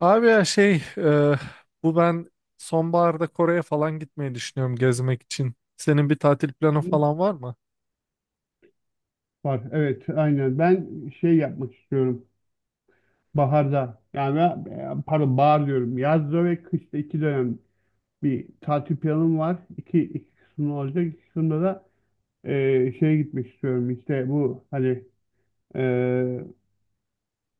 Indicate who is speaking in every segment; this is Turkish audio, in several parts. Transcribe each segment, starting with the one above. Speaker 1: Abi ya şey bu ben sonbaharda Kore'ye falan gitmeyi düşünüyorum gezmek için. Senin bir tatil planı falan var mı?
Speaker 2: Var. Evet, aynen. Ben şey yapmak istiyorum. Baharda pardon bahar diyorum. Yazda ve kışta iki dönem bir tatil planım var. İki kısımda olacak. İki kısımda da şeye gitmek istiyorum. İşte bu hani e,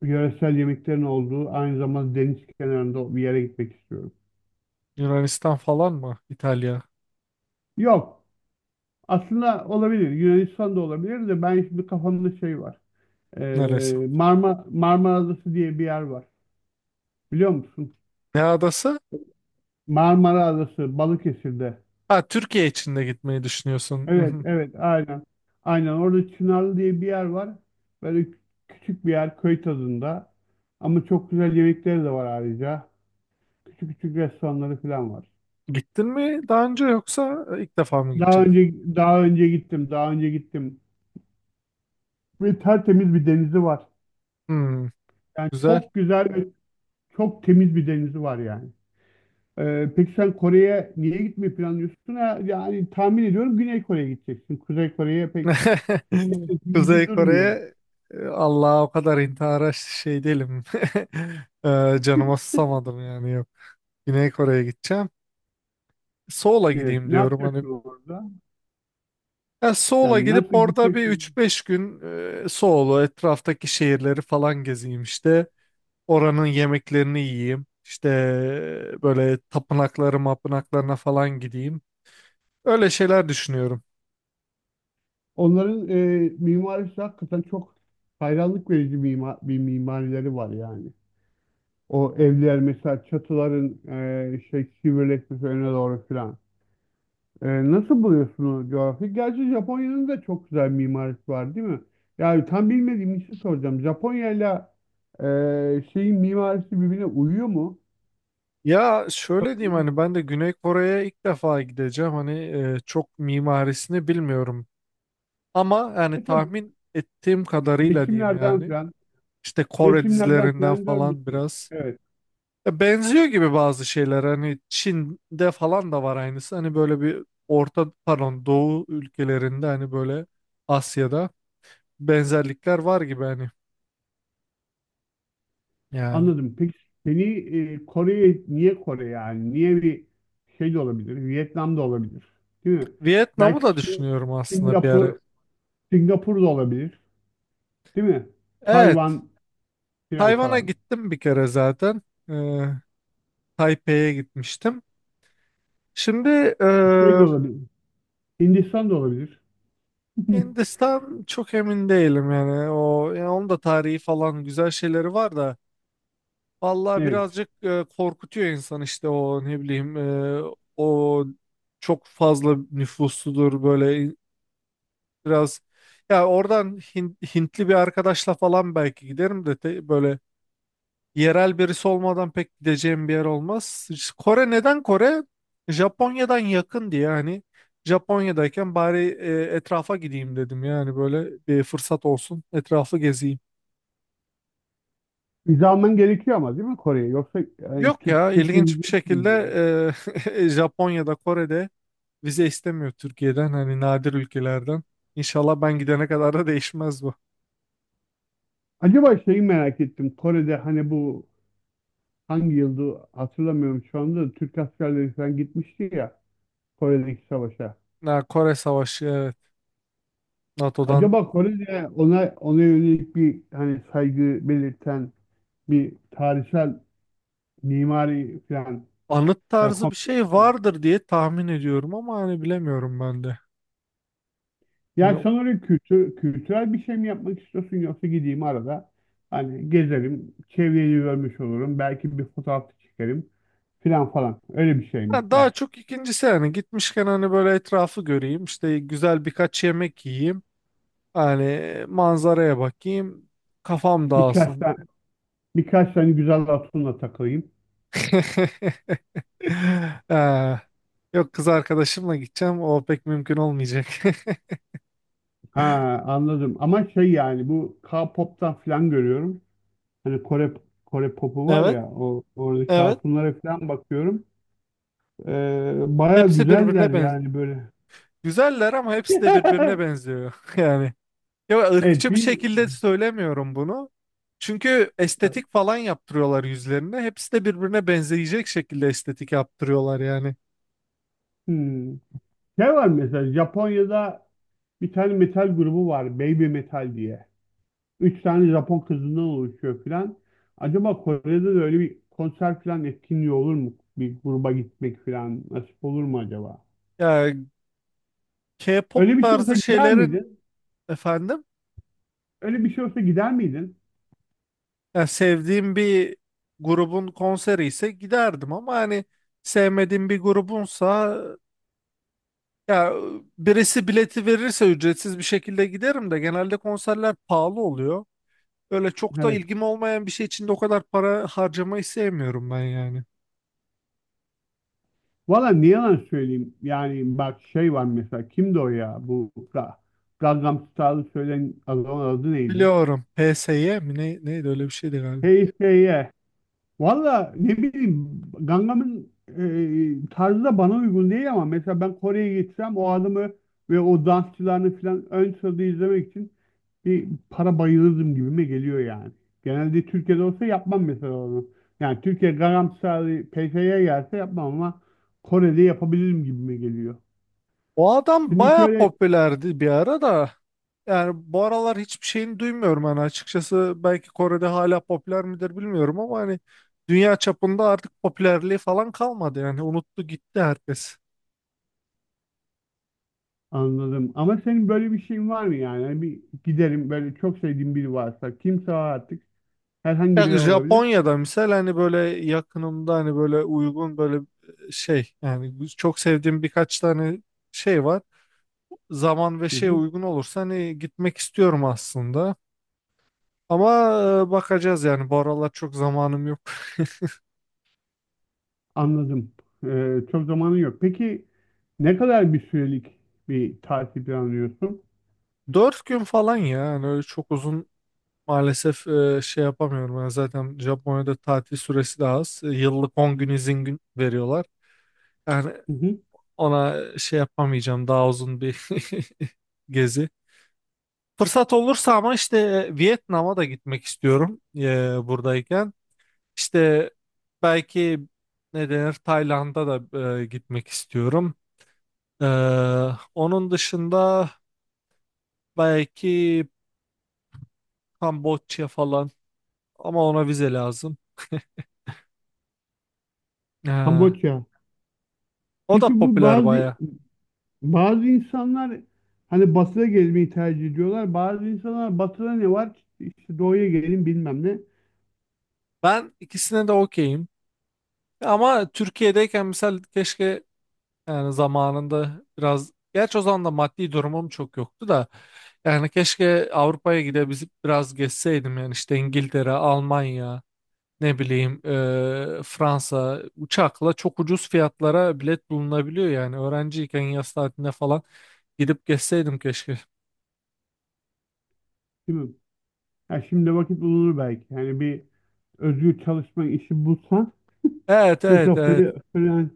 Speaker 2: yöresel yemeklerin olduğu aynı zamanda deniz kenarında bir yere gitmek istiyorum.
Speaker 1: Yunanistan falan mı? İtalya?
Speaker 2: Yok. Aslında olabilir. Yunanistan da olabilir de ben şimdi kafamda şey var.
Speaker 1: Neresi?
Speaker 2: Marmara Adası diye bir yer var. Biliyor musun?
Speaker 1: Ne adası?
Speaker 2: Marmara Adası Balıkesir'de.
Speaker 1: Ha, Türkiye için de gitmeyi düşünüyorsun. Hı
Speaker 2: Evet,
Speaker 1: hı.
Speaker 2: evet, aynen. Aynen orada Çınarlı diye bir yer var. Böyle küçük bir yer köy tadında. Ama çok güzel yemekleri de var ayrıca. Küçük küçük restoranları falan var.
Speaker 1: Gittin mi daha önce yoksa ilk defa mı gideceksin?
Speaker 2: Daha önce gittim. Ve tertemiz bir denizi var.
Speaker 1: Hmm,
Speaker 2: Yani
Speaker 1: güzel.
Speaker 2: çok güzel ve çok temiz bir denizi var yani. Peki sen Kore'ye niye gitmeyi planlıyorsun? Ha, yani tahmin ediyorum Güney Kore'ye gideceksin. Kuzey Kore'ye pek gittiğin gibi
Speaker 1: Kuzey
Speaker 2: durmuyor.
Speaker 1: Kore'ye Allah'a o kadar intihara şey değilim. Canıma susamadım yani yok. Güney Kore'ye gideceğim. Seoul'a
Speaker 2: Evet.
Speaker 1: gideyim
Speaker 2: Ne
Speaker 1: diyorum hani.
Speaker 2: yapacaksın orada?
Speaker 1: Ya Seoul'a
Speaker 2: Yani
Speaker 1: gidip
Speaker 2: nasıl
Speaker 1: orada bir üç
Speaker 2: gideceksin?
Speaker 1: beş gün Seoul'u etraftaki şehirleri falan gezeyim işte. Oranın yemeklerini yiyeyim. İşte böyle tapınakları mapınaklarına falan gideyim. Öyle şeyler düşünüyorum.
Speaker 2: Onların mimarisi hakikaten çok hayranlık verici bir mimarileri var yani. O evler mesela çatıların şey sivrileşmesi öne doğru filan. Nasıl buluyorsun o coğrafyayı? Gerçi Japonya'nın da çok güzel mimarisi var değil mi? Yani tam bilmediğim için soracağım. Japonya'yla e, şeyin mimarisi birbirine uyuyor mu?
Speaker 1: Ya şöyle diyeyim, hani ben de Güney Kore'ye ilk defa gideceğim. Hani çok mimarisini bilmiyorum. Ama yani
Speaker 2: E tabii
Speaker 1: tahmin ettiğim kadarıyla diyeyim
Speaker 2: resimlerden
Speaker 1: yani.
Speaker 2: falan,
Speaker 1: İşte Kore
Speaker 2: resimlerden
Speaker 1: dizilerinden
Speaker 2: falan
Speaker 1: falan
Speaker 2: görmüşsün.
Speaker 1: biraz.
Speaker 2: Evet,
Speaker 1: Ya benziyor gibi bazı şeyler, hani Çin'de falan da var aynısı, hani böyle bir orta, pardon, Doğu ülkelerinde, hani böyle Asya'da benzerlikler var gibi hani yani.
Speaker 2: anladım. Peki seni Kore'ye, niye Kore yani? Niye bir şey de olabilir, Vietnam da olabilir, değil mi?
Speaker 1: Vietnam'ı
Speaker 2: Belki
Speaker 1: da düşünüyorum aslında bir ara.
Speaker 2: Singapur, Singapur da olabilir, değil mi?
Speaker 1: Evet,
Speaker 2: Tayvan falan
Speaker 1: Tayvan'a
Speaker 2: falan.
Speaker 1: gittim bir kere zaten. Ee, Taipei'ye gitmiştim. Şimdi e,
Speaker 2: Şey de olabilir. Hindistan da olabilir.
Speaker 1: Hindistan çok emin değilim yani, o yani, onun da tarihi falan güzel şeyleri var da. Vallahi
Speaker 2: Evet.
Speaker 1: birazcık korkutuyor insan işte, o ne bileyim, o çok fazla nüfusludur böyle, biraz, ya oradan Hintli bir arkadaşla falan belki giderim de, böyle yerel birisi olmadan pek gideceğim bir yer olmaz. İşte Kore neden Kore? Japonya'dan yakın diye hani, Japonya'dayken bari etrafa gideyim dedim yani, böyle bir fırsat olsun, etrafı gezeyim.
Speaker 2: Vize alman gerekiyor ama değil mi Kore'ye? Yoksa yani,
Speaker 1: Yok ya,
Speaker 2: Türkiye
Speaker 1: ilginç bir
Speaker 2: vizesi mi
Speaker 1: şekilde
Speaker 2: gidiyor?
Speaker 1: Japonya'da Kore'de vize istemiyor Türkiye'den, hani nadir ülkelerden. İnşallah ben gidene kadar da değişmez bu.
Speaker 2: Acaba şeyi merak ettim. Kore'de hani bu hangi yıldı hatırlamıyorum şu anda, da Türk askerleri falan gitmişti ya Kore'deki savaşa.
Speaker 1: Ha, Kore Savaşı, evet, NATO'dan
Speaker 2: Acaba Kore'de ona yönelik bir hani saygı belirten bir tarihsel mimari falan
Speaker 1: anıt
Speaker 2: yani
Speaker 1: tarzı bir
Speaker 2: kompleks.
Speaker 1: şey vardır diye tahmin ediyorum ama hani bilemiyorum ben de.
Speaker 2: Ya
Speaker 1: Hani
Speaker 2: sanırım kültürel bir şey mi yapmak istiyorsun yoksa gideyim arada hani gezerim, çevreyi görmüş olurum, belki bir fotoğraf da çekerim filan falan. Öyle bir şey mi
Speaker 1: ha, daha
Speaker 2: var?
Speaker 1: çok ikincisi, hani gitmişken hani böyle etrafı göreyim, işte güzel birkaç yemek yiyeyim, hani manzaraya bakayım, kafam
Speaker 2: Birkaç
Speaker 1: dağılsın.
Speaker 2: tane, birkaç tane güzel hatunla takılayım.
Speaker 1: Ee, yok, kız arkadaşımla gideceğim. O pek mümkün olmayacak.
Speaker 2: Ha, anladım ama şey yani bu K-pop'tan filan görüyorum. Hani Kore popu var
Speaker 1: Evet,
Speaker 2: ya o oradaki
Speaker 1: evet.
Speaker 2: hatunlara filan bakıyorum. Baya
Speaker 1: Hepsi
Speaker 2: güzeller
Speaker 1: birbirine benziyor.
Speaker 2: yani böyle.
Speaker 1: Güzeller ama hepsi de birbirine benziyor. Yani ya,
Speaker 2: Evet,
Speaker 1: ırkçı bir
Speaker 2: bir
Speaker 1: şekilde söylemiyorum bunu. Çünkü estetik falan yaptırıyorlar yüzlerine. Hepsi de birbirine benzeyecek şekilde estetik yaptırıyorlar yani.
Speaker 2: hmm, şey var mesela Japonya'da. Bir tane metal grubu var, Baby Metal diye. Üç tane Japon kızından oluşuyor filan. Acaba Kore'de de öyle bir konser filan etkinliği olur mu? Bir gruba gitmek filan nasip olur mu acaba?
Speaker 1: Ya, K-pop
Speaker 2: Öyle bir şey olsa
Speaker 1: tarzı
Speaker 2: gider
Speaker 1: şeylerin,
Speaker 2: miydin?
Speaker 1: efendim,
Speaker 2: Öyle bir şey olsa gider miydin?
Speaker 1: ya sevdiğim bir grubun konseri ise giderdim ama hani sevmediğim bir grubunsa, ya birisi bileti verirse ücretsiz bir şekilde giderim de genelde konserler pahalı oluyor. Öyle çok da
Speaker 2: Evet.
Speaker 1: ilgim olmayan bir şey için de o kadar para harcamayı sevmiyorum ben yani.
Speaker 2: Valla ne yalan söyleyeyim. Yani bak şey var mesela. Kimdi o ya? Bu Gangnam Style'ı söyleyen adamın adı neydi?
Speaker 1: Biliyorum. PSY mi ne, neydi, öyle bir şeydi galiba.
Speaker 2: HSY. Valla ne bileyim Gangnam'ın tarzı da bana uygun değil ama mesela ben Kore'ye gitsem o adamı ve o dansçılarını falan ön sırada izlemek için bir para bayılırdım gibime geliyor yani. Genelde Türkiye'de olsa yapmam mesela onu. Yani Türkiye Gangnam Style'ı PT'ye gelse yapmam ama Kore'de yapabilirim gibime geliyor.
Speaker 1: O adam
Speaker 2: Senin hiç
Speaker 1: baya
Speaker 2: öyle
Speaker 1: popülerdi bir ara da. Yani bu aralar hiçbir şeyini duymuyorum hani, açıkçası belki Kore'de hala popüler midir bilmiyorum ama hani, dünya çapında artık popülerliği falan kalmadı yani, unuttu gitti herkes.
Speaker 2: anladım. Ama senin böyle bir şeyin var mı yani? Hani bir giderim böyle çok sevdiğim biri varsa kimse o artık herhangi
Speaker 1: Ya
Speaker 2: biri olabilir.
Speaker 1: Japonya'da misal, hani böyle yakınımda, hani böyle uygun, böyle şey yani, çok sevdiğim birkaç tane şey var. Zaman ve şeye uygun olursa hani gitmek istiyorum aslında. Ama bakacağız yani, bu aralar çok zamanım yok.
Speaker 2: Anladım. Çok zamanın yok. Peki ne kadar bir sürelik bir tatil planlıyorsun?
Speaker 1: 4 gün falan ya yani, öyle çok uzun maalesef şey yapamıyorum. Yani zaten Japonya'da tatil süresi de az. Yıllık 10 gün izin gün veriyorlar. Yani
Speaker 2: Hı hı.
Speaker 1: ona şey yapamayacağım, daha uzun bir gezi. Fırsat olursa ama, işte Vietnam'a da gitmek istiyorum buradayken. İşte belki, ne denir, Tayland'a da gitmek istiyorum. E, Onun dışında belki Kamboçya falan, ama ona vize lazım. E,
Speaker 2: Kamboçya.
Speaker 1: O da
Speaker 2: Peki bu
Speaker 1: popüler
Speaker 2: bazı
Speaker 1: baya.
Speaker 2: bazı insanlar hani batıda gezmeyi tercih ediyorlar. Bazı insanlar batıda ne var? İşte doğuya gelin bilmem ne.
Speaker 1: Ben ikisine de okeyim. Ama Türkiye'deyken mesela, keşke yani, zamanında biraz, gerçi o zaman da maddi durumum çok yoktu da, yani keşke Avrupa'ya gidebilip biraz gezseydim yani, işte İngiltere, Almanya, ne bileyim Fransa, uçakla çok ucuz fiyatlara bilet bulunabiliyor yani, öğrenciyken yaz tatilinde falan gidip gezseydim keşke.
Speaker 2: Değil mi? Ya şimdi vakit bulunur belki. Yani bir özgür çalışma işi bulsan.
Speaker 1: Evet, evet,
Speaker 2: Mesela
Speaker 1: evet,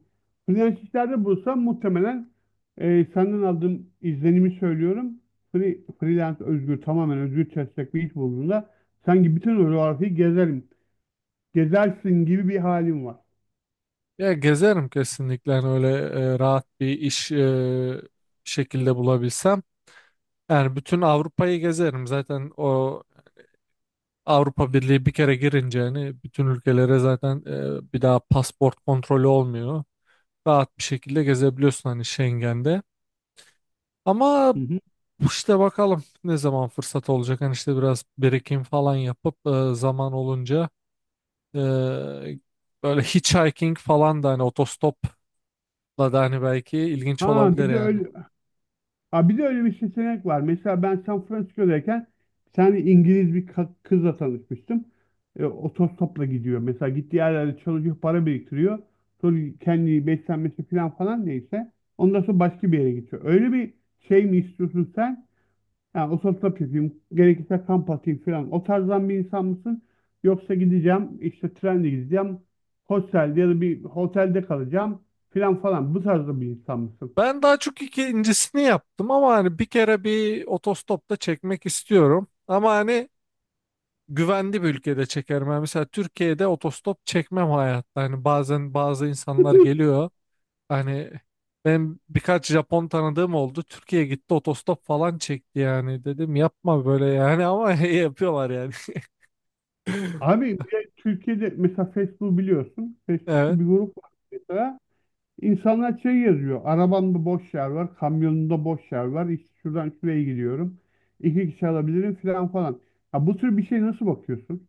Speaker 2: freelance'lerde bulsam muhtemelen senden aldığım izlenimi söylüyorum. Freelance özgür, tamamen özgür çalışacak bir iş bulduğunda sanki bütün o coğrafyayı gezerim. Gezersin gibi bir halim var.
Speaker 1: ya gezerim kesinlikle yani, öyle rahat bir iş şekilde bulabilsem. Yani bütün Avrupa'yı gezerim zaten, o Avrupa Birliği bir kere girince hani, bütün ülkelere zaten bir daha pasport kontrolü olmuyor. Rahat bir şekilde gezebiliyorsun hani Schengen'de. Ama
Speaker 2: Hı hı.
Speaker 1: işte, bakalım ne zaman fırsat olacak. Hani işte, biraz birikim falan yapıp zaman olunca e, böyle hitchhiking falan da, hani otostopla da, hani belki ilginç
Speaker 2: Ha
Speaker 1: olabilir
Speaker 2: bir de
Speaker 1: yani.
Speaker 2: öyle, Ha bir de öyle bir seçenek var. Mesela ben San Francisco'dayken bir tane İngiliz bir kızla tanışmıştım. Otostopla gidiyor. Mesela gittiği yerlerde çalışıyor, para biriktiriyor. Sonra kendi beslenmesi falan falan neyse. Ondan sonra başka bir yere gidiyor. Öyle bir şey mi istiyorsun sen? Yani otostop yapayım, gerekirse kamp atayım falan. O tarzdan bir insan mısın? Yoksa gideceğim, işte trenle gideceğim, hostelde ya da bir otelde kalacağım falan falan. Bu tarzda bir insan mısın?
Speaker 1: Ben daha çok ikincisini yaptım ama hani bir kere bir otostopta çekmek istiyorum. Ama hani güvenli bir ülkede çekerim. Yani mesela Türkiye'de otostop çekmem hayatta. Hani bazen bazı insanlar geliyor. Hani ben birkaç Japon tanıdığım oldu. Türkiye'ye gitti, otostop falan çekti yani. Dedim yapma böyle yani ama yapıyorlar yani.
Speaker 2: Abi bir de Türkiye'de mesela Facebook biliyorsun.
Speaker 1: Evet.
Speaker 2: Facebook'ta bir grup var mesela. İnsanlar şey yazıyor. Arabamda boş yer var. Kamyonumda boş yer var. İşte şuradan şuraya gidiyorum. İki kişi alabilirim falan falan. Ha, bu tür bir şey nasıl bakıyorsun?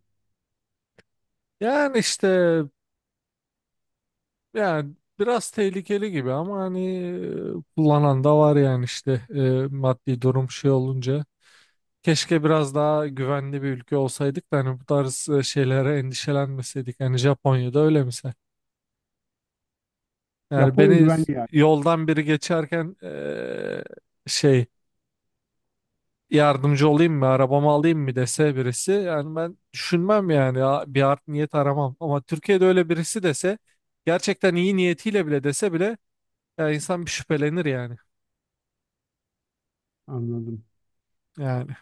Speaker 1: Yani işte, yani biraz tehlikeli gibi ama hani kullanan da var yani, işte maddi durum şey olunca. Keşke biraz daha güvenli bir ülke olsaydık da hani, bu tarz şeylere endişelenmeseydik. Hani Japonya'da öyle misal. Yani
Speaker 2: Japonya
Speaker 1: beni
Speaker 2: güvenli yani.
Speaker 1: yoldan biri geçerken şey, yardımcı olayım mı, arabamı alayım mı dese birisi, yani ben düşünmem yani, bir art niyet aramam. Ama Türkiye'de öyle birisi dese, gerçekten iyi niyetiyle bile dese bile, ya insan bir şüphelenir yani.
Speaker 2: Anladım.
Speaker 1: Yani.